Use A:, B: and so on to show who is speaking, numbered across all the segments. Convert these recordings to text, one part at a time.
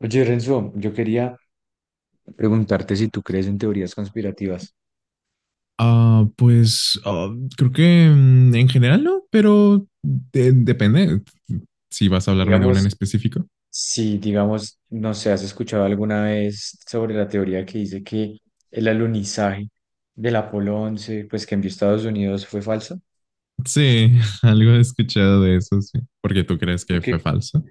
A: Oye, Renzo, yo quería preguntarte si tú crees en teorías conspirativas.
B: Ah, pues ah, creo que en general no, pero depende si vas a hablarme de una en
A: Digamos,
B: específico.
A: si, digamos, no sé, has escuchado alguna vez sobre la teoría que dice que el alunizaje del Apolo 11, pues que envió Estados Unidos fue falso.
B: Sí, algo he escuchado de eso, sí. Porque tú crees
A: ¿Y
B: que
A: tú
B: fue
A: qué?
B: falso.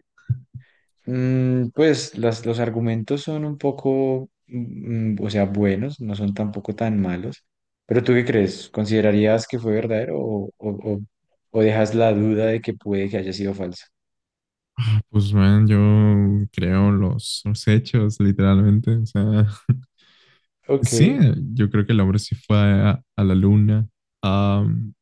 A: Pues los argumentos son un poco, o sea, buenos, no son tampoco tan malos. Pero ¿tú qué crees? ¿Considerarías que fue verdadero o o dejas la duda de que puede que haya sido falso?
B: Pues man, yo creo los hechos, literalmente. O sea,
A: Ok.
B: sí, yo creo que el hombre sí fue a la luna. Am,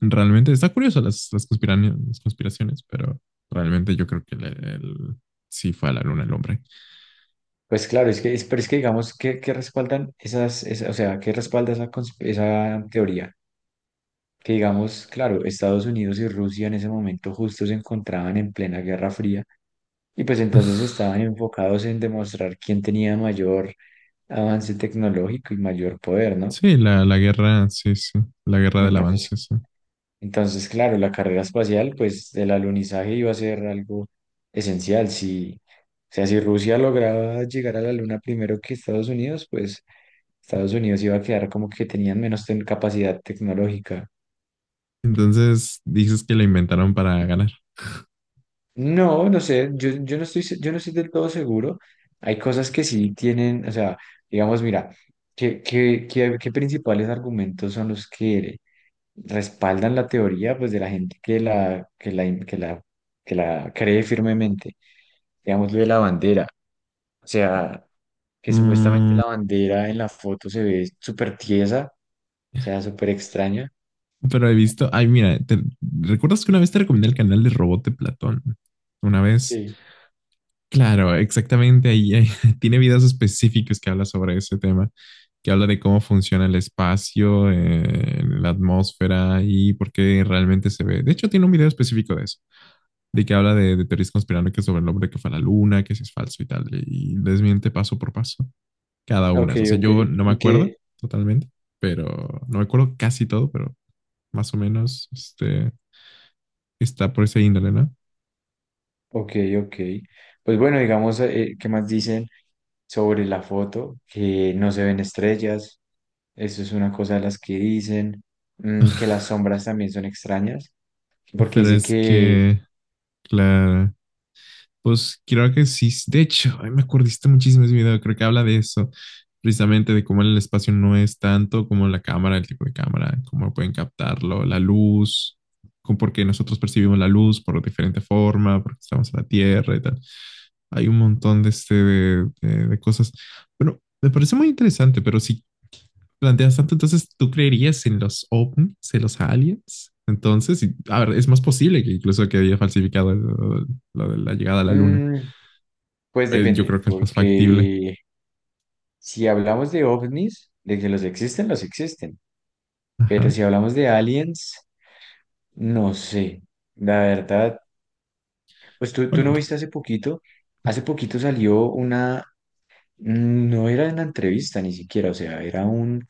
B: realmente está curioso las conspiraciones, pero realmente yo creo que sí fue a la luna el hombre.
A: Pues claro, pero es que digamos que respaldan o sea, que respalda esa, esa teoría. Que digamos, claro, Estados Unidos y Rusia en ese momento justo se encontraban en plena Guerra Fría y pues entonces estaban enfocados en demostrar quién tenía mayor avance tecnológico y mayor poder, ¿no?
B: Sí, la guerra, sí, sí, la guerra del avance,
A: Entonces,
B: sí.
A: entonces, claro, la carrera espacial, pues el alunizaje iba a ser algo esencial. Si, o sea, si Rusia lograba llegar a la Luna primero que Estados Unidos, pues Estados Unidos iba a quedar como que tenían capacidad tecnológica.
B: Entonces, dices que la inventaron para ganar.
A: No, no sé, yo no yo no estoy del todo seguro. Hay cosas que sí tienen, o sea, digamos, mira, ¿qué principales argumentos son los que respaldan la teoría, pues, de la gente que la cree firmemente? Digamos, lo de la bandera, o sea, que supuestamente
B: Mm,
A: la bandera en la foto se ve súper tiesa, o sea, súper extraña.
B: pero he visto, ay, mira, te, ¿recuerdas que una vez te recomendé el canal de Robot de Platón? Una vez,
A: Sí.
B: claro, exactamente ahí tiene videos específicos que habla sobre ese tema, que habla de cómo funciona el espacio, la atmósfera y por qué realmente se ve. De hecho, tiene un video específico de eso, de que habla de teorías conspiranoicas sobre el hombre que fue a la luna, que si es falso y tal, y desmiente paso por paso cada
A: Ok,
B: una. O sea,
A: ok.
B: yo no me
A: ¿Y
B: acuerdo
A: qué,
B: totalmente, pero no me acuerdo casi todo, pero más o menos, está por esa índole, ¿no?
A: ok, ok. Pues bueno, digamos, ¿qué más dicen sobre la foto? Que no se ven estrellas, eso es una cosa de las que dicen, que las sombras también son extrañas, porque
B: Pero
A: dice
B: es
A: que,
B: que, claro, pues creo que sí. De hecho, ay, me acordiste muchísimo de ese video, creo que habla de eso, precisamente de cómo el espacio no es tanto como la cámara, el tipo de cámara, cómo pueden captarlo, la luz, porque nosotros percibimos la luz por diferente forma, porque estamos en la Tierra y tal. Hay un montón de, de cosas. Bueno, me parece muy interesante, pero si planteas tanto, entonces tú creerías en los ovnis, en los aliens. Entonces, a ver, es más posible que incluso que haya falsificado lo, de la llegada a la luna.
A: mm, pues
B: Yo creo
A: depende,
B: que es más factible.
A: porque si hablamos de ovnis, de que los existen, pero
B: Ajá.
A: si hablamos de aliens, no sé, la verdad, pues tú
B: Bueno,
A: no viste hace poquito salió. No era una entrevista ni siquiera, o sea, era un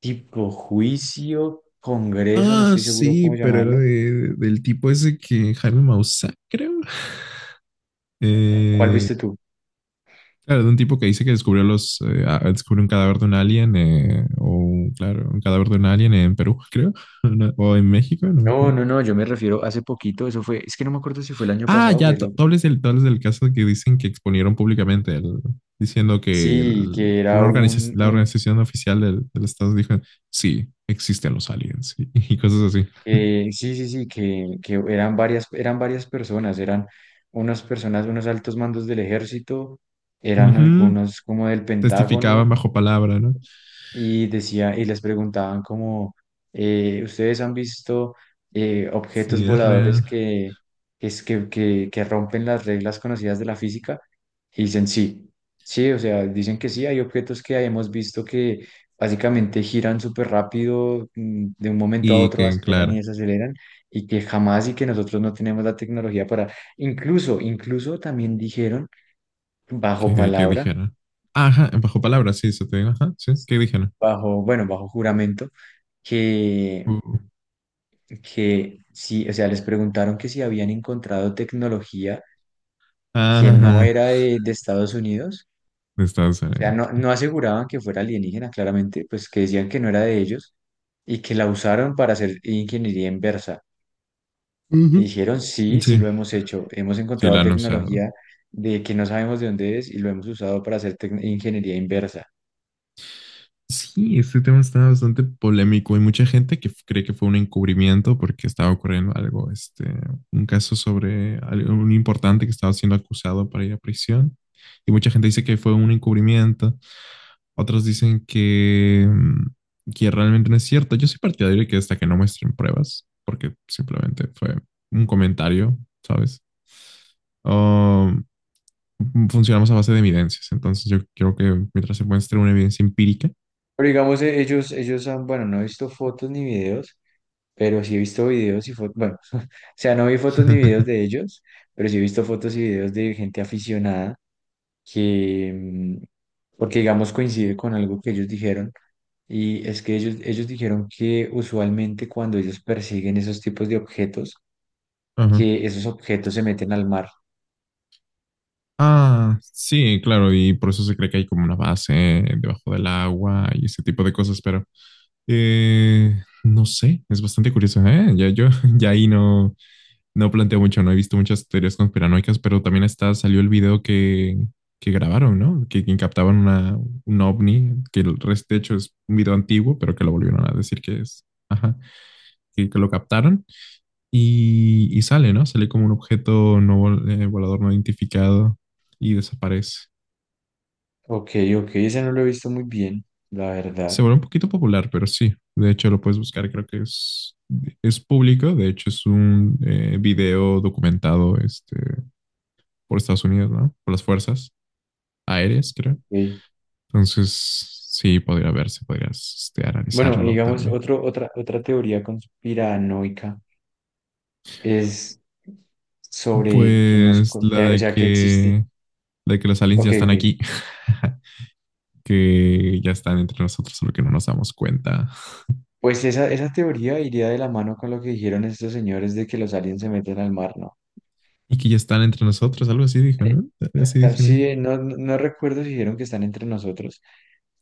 A: tipo juicio, congreso, no
B: ah,
A: estoy seguro
B: sí,
A: cómo
B: pero era
A: llamarlo.
B: del tipo ese que Jaime Maussan, creo.
A: ¿Cuál
B: Eh,
A: viste tú?
B: claro, de un tipo que dice que descubrió los, descubrió un cadáver de un alien, o claro, un cadáver de un alien en Perú, creo, o en México, no me
A: No,
B: acuerdo.
A: no, no, yo me refiero hace poquito, eso fue, es que no me acuerdo si fue el año
B: Ah,
A: pasado,
B: ya,
A: fue
B: tú
A: lo...
B: tú hablas del, tú hablas del caso que dicen que exponieron públicamente, diciendo que
A: Sí, que era
B: una organización, la
A: un
B: organización oficial del, del Estado dijo, sí, existen los aliens y, y cosas así.
A: que, sí, sí, sí, que eran varias personas, eran unas personas, unos altos mandos del ejército, eran
B: Ujú,
A: algunos como del
B: testificaban
A: Pentágono,
B: bajo palabra, ¿no?
A: y decía, y les preguntaban como, ¿ustedes han visto objetos
B: Sí, es
A: voladores
B: real.
A: que, es- que rompen las reglas conocidas de la física? Y dicen sí, sí, o sea, dicen que sí, hay objetos que hemos visto que básicamente giran súper rápido, de un momento a
B: Y
A: otro
B: que,
A: aceleran y
B: claro,
A: desaceleran, y que jamás y que nosotros no tenemos la tecnología para, incluso, incluso también dijeron, bajo
B: que
A: palabra,
B: dijeron. Ajá, bajo palabra, sí, se te digo, ajá, sí, ¿qué dijeron?
A: bajo, bueno, bajo juramento, que,
B: Uh,
A: que sí, o sea, les preguntaron que si habían encontrado tecnología que no
B: ajá,
A: era de Estados Unidos,
B: de Estados
A: o sea,
B: Unidos.
A: no, no aseguraban que fuera alienígena, claramente, pues que decían que no era de ellos y que la usaron para hacer ingeniería inversa. Y
B: Ujú.
A: dijeron, sí, sí
B: Sí,
A: lo hemos hecho, hemos
B: sí, lo
A: encontrado
B: han usado.
A: tecnología de que no sabemos de dónde es y lo hemos usado para hacer ingeniería inversa.
B: Sí, este tema está bastante polémico. Hay mucha gente que cree que fue un encubrimiento porque estaba ocurriendo algo, un caso sobre algo un importante que estaba siendo acusado para ir a prisión. Y mucha gente dice que fue un encubrimiento. Otros dicen que, que realmente no es cierto. Yo soy partidario de que hasta que no muestren pruebas, porque simplemente fue un comentario, ¿sabes? Oh, funcionamos a base de evidencias. Entonces yo creo que mientras se muestre una evidencia empírica.
A: Pero digamos, ellos han, bueno, no he visto fotos ni videos, pero sí he visto videos y fotos, bueno, o sea, no vi fotos ni videos de ellos, pero sí he visto fotos y videos de gente aficionada que, porque digamos coincide con algo que ellos dijeron, y es que ellos dijeron que usualmente cuando ellos persiguen esos tipos de objetos,
B: Ajá.
A: que esos objetos se meten al mar.
B: Ah, sí, claro, y por eso se cree que hay como una base debajo del agua y ese tipo de cosas, pero no sé, es bastante curioso, ¿eh? Ya yo, ya ahí no, no planteo mucho, no he visto muchas teorías conspiranoicas, pero también está, salió el video que grabaron, ¿no? Que captaban una, un ovni, que el resto, de hecho, es un video antiguo, pero que lo volvieron a decir que es, ajá, que lo captaron. Y sale, ¿no? Sale como un objeto volador no identificado y desaparece.
A: Ok, ok, ese no lo he visto muy bien, la
B: Se
A: verdad.
B: vuelve un poquito popular, pero sí. De hecho, lo puedes buscar, creo que es público. De hecho, es un video documentado por Estados Unidos, ¿no? Por las fuerzas aéreas, creo.
A: Ok.
B: Entonces, sí, podría verse, podrías
A: Bueno, y
B: analizarlo
A: digamos,
B: también.
A: otra teoría conspiranoica es sobre que
B: Pues la
A: o sea, que existe.
B: de que los aliens ya
A: Ok,
B: están
A: ok.
B: aquí, que ya están entre nosotros, solo que no nos damos cuenta.
A: Pues esa teoría iría de la mano con lo que dijeron estos señores de que los aliens se meten al mar, ¿no?
B: Y que ya están entre nosotros, algo así dijo, ¿no? Algo así
A: Exacta-
B: dijeron.
A: Sí, no, no no recuerdo si dijeron que están entre nosotros,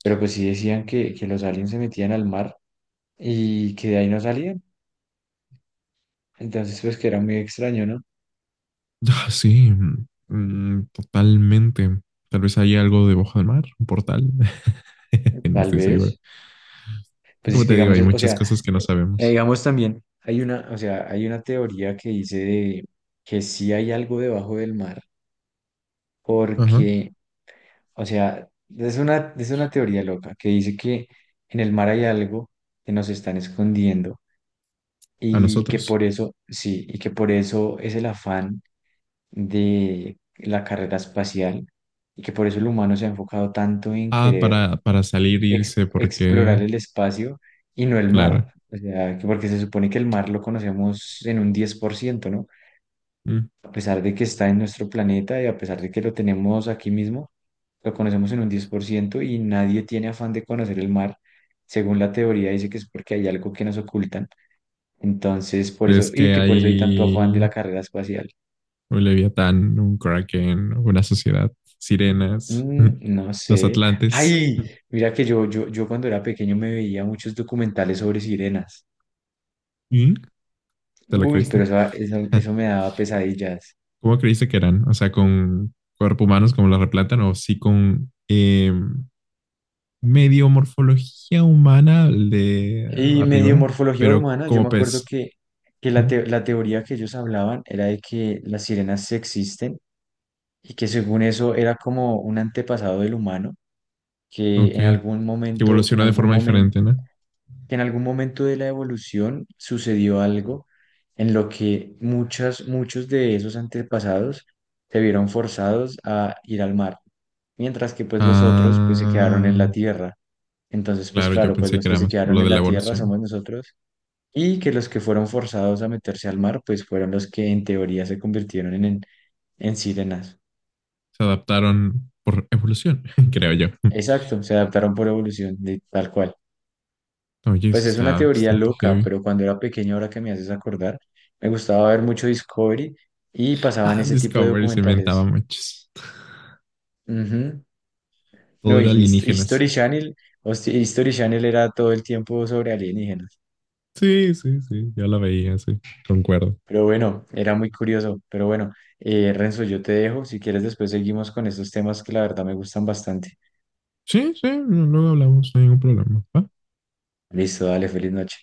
A: pero pues sí decían que los aliens se metían al mar y que de ahí no salían. Entonces, pues que era muy extraño, ¿no?
B: Ah, sí, mm, totalmente. Tal vez haya algo debajo del mar, un portal. No
A: Tal
B: estoy seguro.
A: vez. Pues
B: Como
A: es
B: te
A: que
B: digo,
A: digamos,
B: hay
A: o
B: muchas
A: sea,
B: cosas que no sabemos.
A: digamos también, hay o sea, hay una teoría que dice de que sí hay algo debajo del mar,
B: Ajá.
A: porque o sea, es una teoría loca que dice que en el mar hay algo que nos están escondiendo
B: A
A: y que
B: nosotros.
A: por eso, sí, y que por eso es el afán de la carrera espacial y que por eso el humano se ha enfocado tanto en
B: Ah,
A: querer
B: para salir, irse, porque,
A: explorar el espacio y no el mar.
B: claro.
A: O sea, que porque se supone que el mar lo conocemos en un 10%, ¿no?
B: Mm.
A: A pesar de que está en nuestro planeta y a pesar de que lo tenemos aquí mismo lo conocemos en un 10% y nadie tiene afán de conocer el mar. Según la teoría, dice que es porque hay algo que nos ocultan. Entonces, por eso,
B: ¿Crees
A: y
B: que
A: que por eso hay tanto afán de
B: hay
A: la carrera espacial.
B: un leviatán, un kraken, una sociedad, sirenas,
A: Mm, no
B: los
A: sé.
B: atlantes?
A: Ay, mira que yo cuando era pequeño me veía muchos documentales sobre sirenas.
B: Mm. ¿Te lo
A: Uy, pero
B: creíste?
A: eso me daba pesadillas.
B: ¿Cómo creíste que eran? O sea, con cuerpo humanos como los replatan o sí con medio morfología humana el de
A: Y medio
B: arriba,
A: morfología
B: pero
A: humana, yo
B: como
A: me acuerdo
B: pez,
A: que,
B: ¿no?
A: la teoría que ellos hablaban era de que las sirenas sí existen y que según eso era como un antepasado del humano,
B: Ok, que
A: que en
B: evolucionó de
A: algún
B: forma
A: momento,
B: diferente, ¿no?
A: que en algún momento de la evolución sucedió algo en lo que muchos de esos antepasados se vieron forzados a ir al mar, mientras que pues los otros pues se quedaron en
B: Ah,
A: la tierra. Entonces, pues
B: claro, yo
A: claro, pues
B: pensé
A: los
B: que
A: que
B: era
A: se
B: más por
A: quedaron
B: lo
A: en
B: de la
A: la tierra
B: evolución.
A: somos nosotros y que los que fueron forzados a meterse al mar pues fueron los que en teoría se convirtieron en sirenas.
B: Se adaptaron por evolución, creo yo.
A: Exacto, se adaptaron por evolución, tal cual.
B: Oye, eso
A: Pues es una
B: está
A: teoría
B: bastante
A: loca,
B: heavy.
A: pero cuando era pequeño, ahora que me haces acordar, me gustaba ver mucho Discovery y pasaban
B: Ah,
A: ese tipo de
B: Discovery se inventaba
A: documentales.
B: muchos.
A: Ujú.
B: Todo
A: No, y
B: era alienígenas.
A: History Channel, History Channel era todo el tiempo sobre alienígenas.
B: Sí, sí, sí, yo la veía, sí, concuerdo.
A: Pero bueno, era muy curioso. Pero bueno, Renzo, yo te dejo. Si quieres, después seguimos con estos temas que la verdad me gustan bastante.
B: Sí, sí, luego hablamos, no hay ningún problema. ¿Va?
A: Listo, dale, feliz noche.